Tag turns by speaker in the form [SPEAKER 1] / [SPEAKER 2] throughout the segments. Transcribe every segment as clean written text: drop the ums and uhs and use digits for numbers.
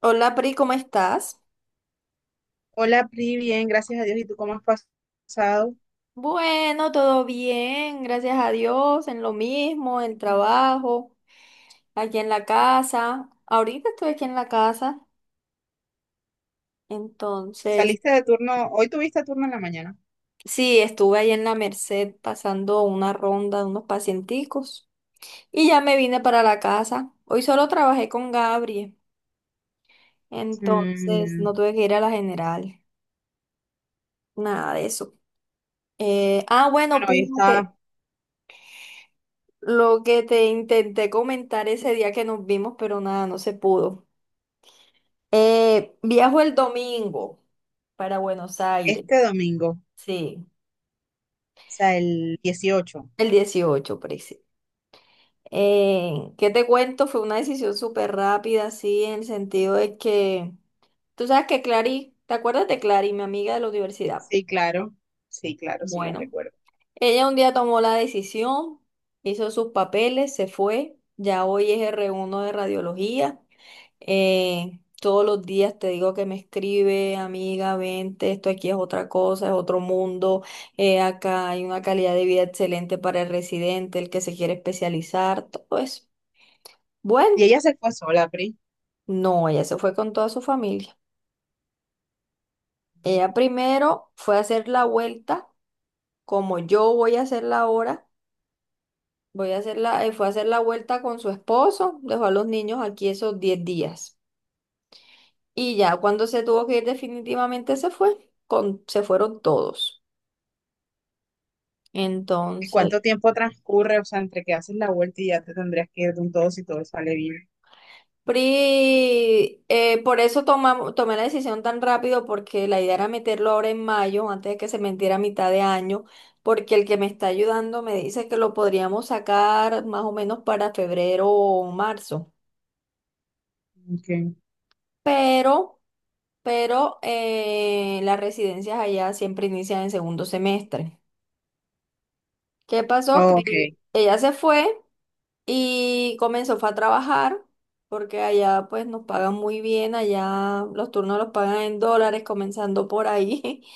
[SPEAKER 1] Hola, Pri, ¿cómo estás?
[SPEAKER 2] Hola, Pri, bien, gracias a Dios. ¿Y tú cómo has pasado?
[SPEAKER 1] Bueno, todo bien, gracias a Dios, en lo mismo, en el trabajo, aquí en la casa. Ahorita estoy aquí en la casa, entonces,
[SPEAKER 2] ¿Saliste de turno? Hoy tuviste turno en la mañana.
[SPEAKER 1] sí, estuve ahí en la Merced pasando una ronda de unos pacienticos y ya me vine para la casa. Hoy solo trabajé con Gabriel,
[SPEAKER 2] Mm,
[SPEAKER 1] entonces no
[SPEAKER 2] ya.
[SPEAKER 1] tuve que ir a la general, nada de eso. Ah, bueno,
[SPEAKER 2] Bueno, hoy
[SPEAKER 1] pues,
[SPEAKER 2] está
[SPEAKER 1] lo que te intenté comentar ese día que nos vimos, pero nada, no se pudo. Viajo el domingo para Buenos Aires,
[SPEAKER 2] este domingo, o
[SPEAKER 1] sí,
[SPEAKER 2] sea, el 18.
[SPEAKER 1] el 18, preci. ¿Qué te cuento? Fue una decisión súper rápida, sí, en el sentido de que tú sabes que Clary, ¿te acuerdas de Clary, mi amiga de la universidad?
[SPEAKER 2] Sí, claro. Sí, claro, sí la
[SPEAKER 1] Bueno,
[SPEAKER 2] recuerdo.
[SPEAKER 1] ella un día tomó la decisión, hizo sus papeles, se fue. Ya hoy es R1 de radiología. Todos los días te digo que me escribe, amiga, vente, esto aquí es otra cosa, es otro mundo. Acá hay una calidad de vida excelente para el residente, el que se quiere especializar, todo eso. Bueno,
[SPEAKER 2] ¿Y ella se fue sola, Pri?
[SPEAKER 1] no, ella se fue con toda su familia. Ella primero fue a hacer la vuelta, como yo voy a hacerla ahora. Voy a hacer la, fue a hacer la vuelta con su esposo, dejó a los niños aquí esos 10 días. Y ya cuando se tuvo que ir definitivamente se fue, se fueron todos.
[SPEAKER 2] ¿Y
[SPEAKER 1] Entonces,
[SPEAKER 2] cuánto tiempo transcurre? O sea, entre que haces la vuelta y ya te tendrías que ir de un todo si todo sale bien.
[SPEAKER 1] por eso tomé la decisión tan rápido, porque la idea era meterlo ahora en mayo, antes de que se metiera a mitad de año, porque el que me está ayudando me dice que lo podríamos sacar más o menos para febrero o marzo.
[SPEAKER 2] Ok.
[SPEAKER 1] Pero... pero las residencias allá siempre inician en segundo semestre. ¿Qué pasó?
[SPEAKER 2] Ok,
[SPEAKER 1] Que ella se fue y comenzó fue a trabajar porque allá pues nos pagan muy bien, allá los turnos los pagan en dólares, comenzando por ahí.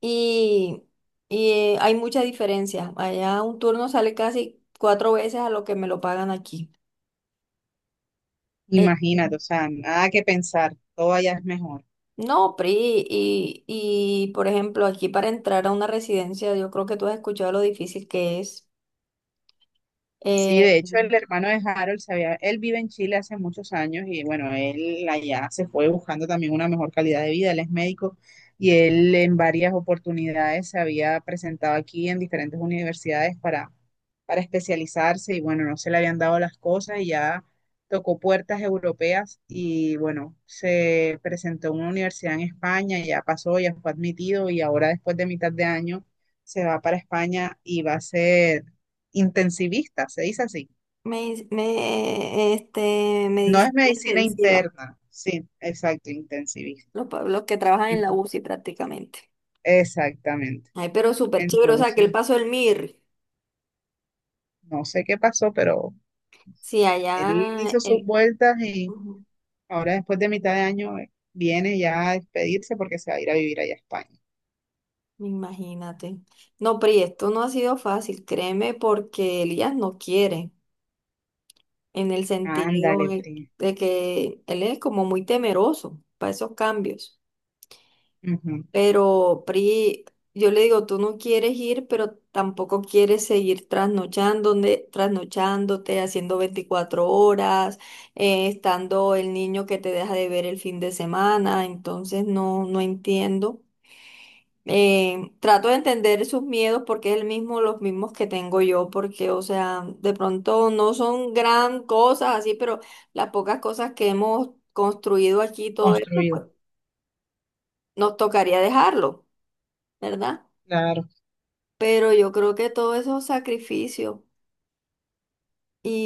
[SPEAKER 1] Y, y hay mucha diferencia. Allá un turno sale casi 4 veces a lo que me lo pagan aquí. Eh,
[SPEAKER 2] imagínate, o sea, nada que pensar, todo allá es mejor.
[SPEAKER 1] No, Pri, y por ejemplo, aquí para entrar a una residencia, yo creo que tú has escuchado lo difícil que es.
[SPEAKER 2] Sí,
[SPEAKER 1] eh,
[SPEAKER 2] de hecho el hermano de Harold él vive en Chile hace muchos años y bueno, él allá se fue buscando también una mejor calidad de vida, él es médico y él en varias oportunidades se había presentado aquí en diferentes universidades para especializarse y bueno, no se le habían dado las cosas y ya tocó puertas europeas y bueno, se presentó en una universidad en España, ya pasó, ya fue admitido y ahora después de mitad de año se va para España y va a ser intensivista, se dice así.
[SPEAKER 1] este,
[SPEAKER 2] No es
[SPEAKER 1] medicina
[SPEAKER 2] medicina
[SPEAKER 1] intensiva,
[SPEAKER 2] interna, sí, exacto, intensivista.
[SPEAKER 1] los que trabajan en la
[SPEAKER 2] Ento-
[SPEAKER 1] UCI prácticamente.
[SPEAKER 2] Exactamente.
[SPEAKER 1] Ay, pero súper chévere, o sea, que el
[SPEAKER 2] Entonces,
[SPEAKER 1] paso del MIR,
[SPEAKER 2] no sé qué pasó, pero
[SPEAKER 1] si
[SPEAKER 2] él
[SPEAKER 1] allá,
[SPEAKER 2] hizo sus
[SPEAKER 1] el-
[SPEAKER 2] vueltas y
[SPEAKER 1] ujú,
[SPEAKER 2] ahora después de mitad de año viene ya a despedirse porque se va a ir a vivir allá a España.
[SPEAKER 1] imagínate. No, Pri, esto no ha sido fácil, créeme, porque Elías no quiere. En el sentido
[SPEAKER 2] Ándale,
[SPEAKER 1] de,
[SPEAKER 2] primo.
[SPEAKER 1] que él es como muy temeroso para esos cambios.
[SPEAKER 2] Ujú.
[SPEAKER 1] Pero Pri, yo le digo, tú no quieres ir, pero tampoco quieres seguir trasnochándote, trasnochándote, haciendo 24 horas, estando el niño que te deja de ver el fin de semana. Entonces no, no entiendo. Trato de entender sus miedos porque es el mismo, los mismos que tengo yo, porque, o sea, de pronto no son gran cosas así, pero las pocas cosas que hemos construido aquí, todo esto,
[SPEAKER 2] Construido,
[SPEAKER 1] pues nos tocaría dejarlo, ¿verdad?
[SPEAKER 2] claro.
[SPEAKER 1] Pero yo creo que todo eso es sacrificio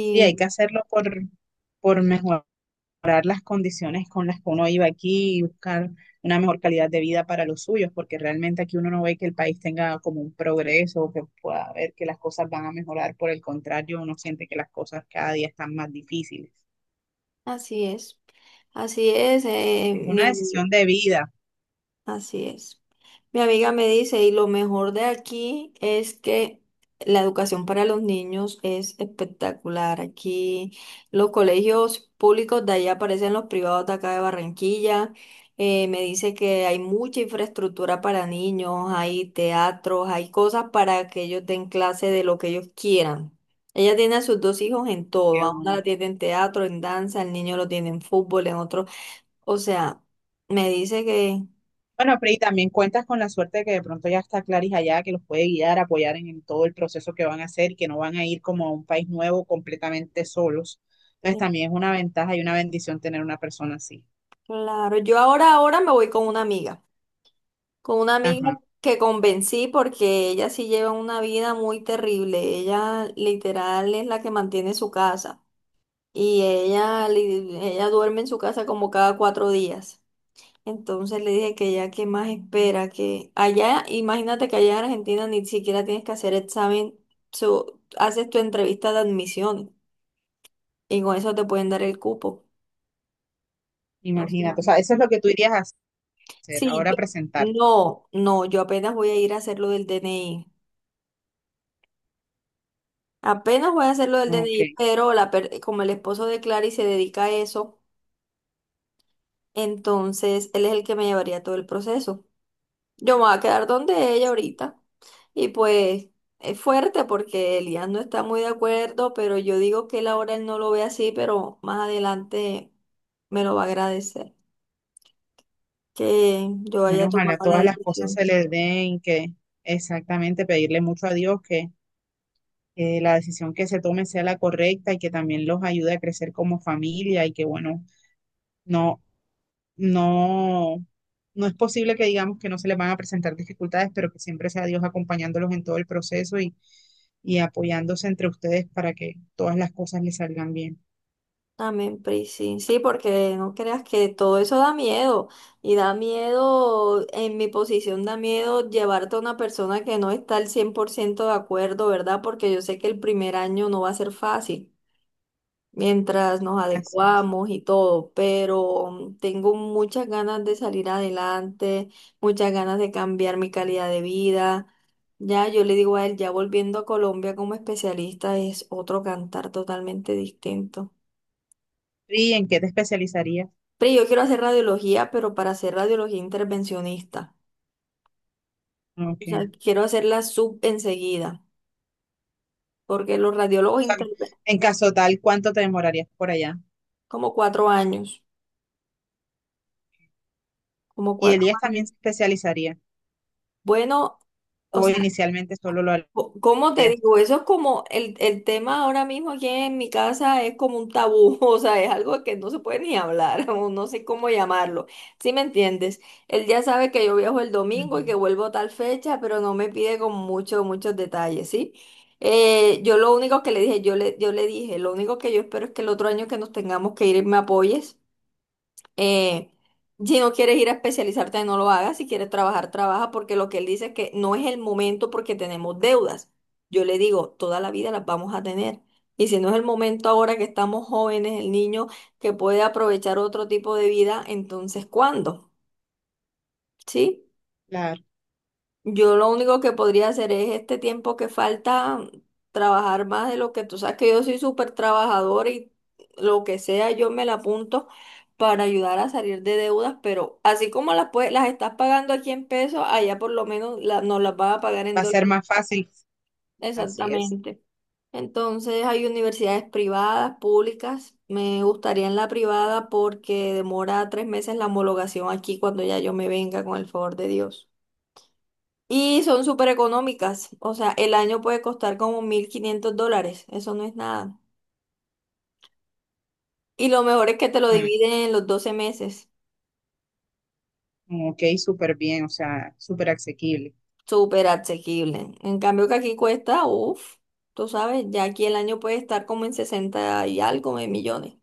[SPEAKER 2] Sí, hay que hacerlo por mejor, mejorar las condiciones con las que uno iba aquí y buscar una mejor calidad de vida para los suyos, porque realmente aquí uno no ve que el país tenga como un progreso o que pueda ver que las cosas van a mejorar, por el contrario, uno siente que las cosas cada día están más difíciles.
[SPEAKER 1] así es, así es,
[SPEAKER 2] Es
[SPEAKER 1] mi
[SPEAKER 2] una
[SPEAKER 1] amiga.
[SPEAKER 2] decisión de vida.
[SPEAKER 1] Así es. Mi amiga me dice, y lo mejor de aquí es que la educación para los niños es espectacular. Aquí los colegios públicos de allá parecen los privados de acá de Barranquilla. Me dice que hay mucha infraestructura para niños, hay teatros, hay cosas para que ellos den clase de lo que ellos quieran. Ella tiene a sus dos hijos en todo,
[SPEAKER 2] que
[SPEAKER 1] a una
[SPEAKER 2] uno-
[SPEAKER 1] la tiene en teatro, en danza, el niño lo tiene en fútbol, en otro. O sea, me dice que...
[SPEAKER 2] Bueno, pero y también cuentas con la suerte de que de pronto ya está Claris allá, que los puede guiar, apoyar en todo el proceso que van a hacer, que no van a ir como a un país nuevo completamente solos. Entonces también es una ventaja y una bendición tener una persona así.
[SPEAKER 1] Claro, yo ahora, ahora me voy con una amiga
[SPEAKER 2] Ajá.
[SPEAKER 1] que convencí porque ella sí lleva una vida muy terrible, ella literal es la que mantiene su casa y ella duerme en su casa como cada cuatro días. Entonces le dije que ella qué más espera, que allá, imagínate que allá en Argentina ni siquiera tienes que hacer examen, haces tu entrevista de admisión y con eso te pueden dar el cupo.
[SPEAKER 2] Imagínate, o sea, eso es lo que tú irías a hacer,
[SPEAKER 1] Sí,
[SPEAKER 2] ahora presentarte.
[SPEAKER 1] no, no, yo apenas voy a ir a hacer lo del DNI. Apenas voy a hacer lo del
[SPEAKER 2] Ok,
[SPEAKER 1] DNI, pero como el esposo de Clary se dedica a eso, entonces él es el que me llevaría todo el proceso. Yo me voy a quedar donde ella ahorita. Y pues es fuerte porque Elías no está muy de acuerdo, pero yo digo que él ahora él no lo ve así, pero más adelante me lo va a agradecer que yo
[SPEAKER 2] bueno,
[SPEAKER 1] haya
[SPEAKER 2] ojalá
[SPEAKER 1] tomado la
[SPEAKER 2] todas las cosas
[SPEAKER 1] decisión.
[SPEAKER 2] se les den, que exactamente pedirle mucho a Dios que la decisión que se tome sea la correcta y que también los ayude a crecer como familia y que, bueno, no, no, no es posible que digamos que no se les van a presentar dificultades, pero que siempre sea Dios acompañándolos en todo el proceso y apoyándose entre ustedes para que todas las cosas les salgan bien.
[SPEAKER 1] Amén, Pri, sí, sí, porque no creas que todo eso da miedo y da miedo, en mi posición da miedo llevarte a una persona que no está al 100% de acuerdo, ¿verdad? Porque yo sé que el primer año no va a ser fácil mientras nos
[SPEAKER 2] Así es.
[SPEAKER 1] adecuamos y todo, pero tengo muchas ganas de salir adelante, muchas ganas de cambiar mi calidad de vida. Ya, yo le digo a él, ya volviendo a Colombia como especialista es otro cantar totalmente distinto.
[SPEAKER 2] ¿Y en qué te especializarías?
[SPEAKER 1] Pero yo quiero hacer radiología, pero para hacer radiología intervencionista. O sea,
[SPEAKER 2] Ok.
[SPEAKER 1] quiero hacerla sub enseguida, porque los
[SPEAKER 2] O
[SPEAKER 1] radiólogos
[SPEAKER 2] sea,
[SPEAKER 1] interven
[SPEAKER 2] en caso tal, ¿cuánto te demorarías por allá?
[SPEAKER 1] como 4 años, como
[SPEAKER 2] ¿Y
[SPEAKER 1] cuatro
[SPEAKER 2] Elías
[SPEAKER 1] años.
[SPEAKER 2] también se especializaría,
[SPEAKER 1] Bueno, o
[SPEAKER 2] o
[SPEAKER 1] sea,
[SPEAKER 2] inicialmente solo lo
[SPEAKER 1] ¿Cómo te
[SPEAKER 2] harías?
[SPEAKER 1] digo? Eso es como el tema ahora mismo aquí en mi casa es como un tabú, o sea, es algo que no se puede ni hablar, o no sé cómo llamarlo. ¿Sí me entiendes? Él ya sabe que yo viajo el domingo y que
[SPEAKER 2] Ujú.
[SPEAKER 1] vuelvo tal fecha, pero no me pide con muchos, muchos detalles, ¿sí? Yo lo único que le dije, yo le dije, lo único que yo espero es que el otro año que nos tengamos que ir me apoyes. Eh, si no quieres ir a especializarte, no lo hagas. Si quieres trabajar, trabaja, porque lo que él dice es que no es el momento porque tenemos deudas. Yo le digo, toda la vida las vamos a tener. Y si no es el momento ahora que estamos jóvenes, el niño que puede aprovechar otro tipo de vida, entonces ¿cuándo? ¿Sí?
[SPEAKER 2] Claro,
[SPEAKER 1] Yo lo único que podría hacer es este tiempo que falta, trabajar más de lo que tú sabes que yo soy súper trabajadora y lo que sea yo me la apunto para ayudar a salir de deudas, pero así como las, las estás pagando aquí en pesos, allá por lo menos nos las vas a pagar en
[SPEAKER 2] va a ser
[SPEAKER 1] dólares.
[SPEAKER 2] más fácil, así es.
[SPEAKER 1] Exactamente. Entonces hay universidades privadas, públicas. Me gustaría en la privada porque demora 3 meses la homologación aquí cuando ya yo me venga con el favor de Dios. Y son súper económicas. O sea, el año puede costar como 1.500 dólares. Eso no es nada. Y lo mejor es que te lo
[SPEAKER 2] No,
[SPEAKER 1] dividen en los 12 meses.
[SPEAKER 2] ok, súper bien, o sea, súper asequible,
[SPEAKER 1] Súper asequible. En cambio que aquí cuesta, uff, tú sabes, ya aquí el año puede estar como en 60 y algo de millones.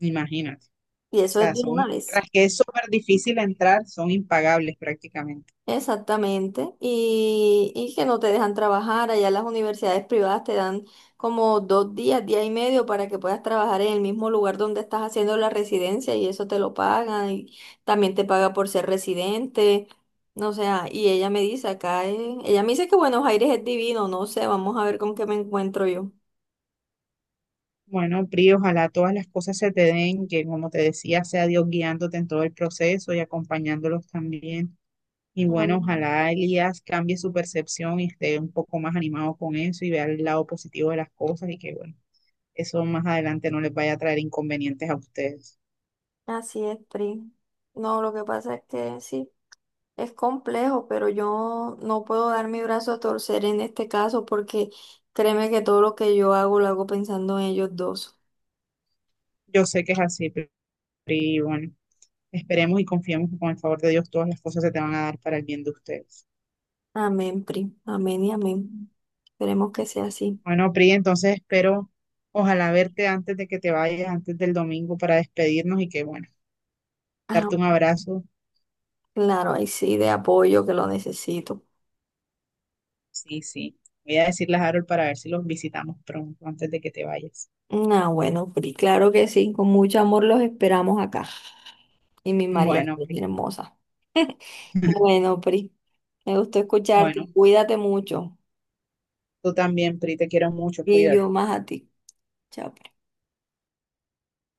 [SPEAKER 2] imagínate.
[SPEAKER 1] Y
[SPEAKER 2] O
[SPEAKER 1] eso es
[SPEAKER 2] sea,
[SPEAKER 1] de una
[SPEAKER 2] son,
[SPEAKER 1] vez.
[SPEAKER 2] tras que es súper difícil entrar, son impagables prácticamente.
[SPEAKER 1] Exactamente, y que no te dejan trabajar. Allá las universidades privadas te dan como 2 días, día y medio para que puedas trabajar en el mismo lugar donde estás haciendo la residencia y eso te lo pagan y también te paga por ser residente. No sea, y ella me dice acá, ella me dice que Buenos Aires es divino, no sé, vamos a ver con qué me encuentro yo.
[SPEAKER 2] Bueno, Pri, ojalá todas las cosas se te den, que como te decía, sea Dios guiándote en todo el proceso y acompañándolos también. Y bueno,
[SPEAKER 1] Am,
[SPEAKER 2] ojalá Elías cambie su percepción y esté un poco más animado con eso y vea el lado positivo de las cosas y que, bueno, eso más adelante no les vaya a traer inconvenientes a ustedes.
[SPEAKER 1] Así es, Pri. No, lo que pasa es que sí. Es complejo, pero yo no puedo dar mi brazo a torcer en este caso porque créeme que todo lo que yo hago lo hago pensando en ellos dos.
[SPEAKER 2] Yo sé que es así, pero y bueno, esperemos y confiemos que con el favor de Dios todas las cosas se te van a dar para el bien de ustedes.
[SPEAKER 1] Amén, Pri. Amén y amén. Esperemos que sea así.
[SPEAKER 2] Bueno, Pri, entonces espero, ojalá verte antes de que te vayas, antes del domingo para despedirnos y que, bueno,
[SPEAKER 1] Ah,
[SPEAKER 2] darte un abrazo.
[SPEAKER 1] claro, ahí sí, de apoyo que lo necesito.
[SPEAKER 2] Sí, sí. Voy a decirle a Harold para ver si los visitamos pronto antes de que te vayas.
[SPEAKER 1] Ah, bueno, Pri, claro que sí. Con mucho amor los esperamos acá. Y mi María
[SPEAKER 2] Bueno,
[SPEAKER 1] es
[SPEAKER 2] Pri.
[SPEAKER 1] bien hermosa. Bueno, Pri, me gustó
[SPEAKER 2] Bueno,
[SPEAKER 1] escucharte. Cuídate mucho.
[SPEAKER 2] tú también, Pri, te quiero mucho,
[SPEAKER 1] Y
[SPEAKER 2] cuídate.
[SPEAKER 1] yo más a ti. Chao, pues.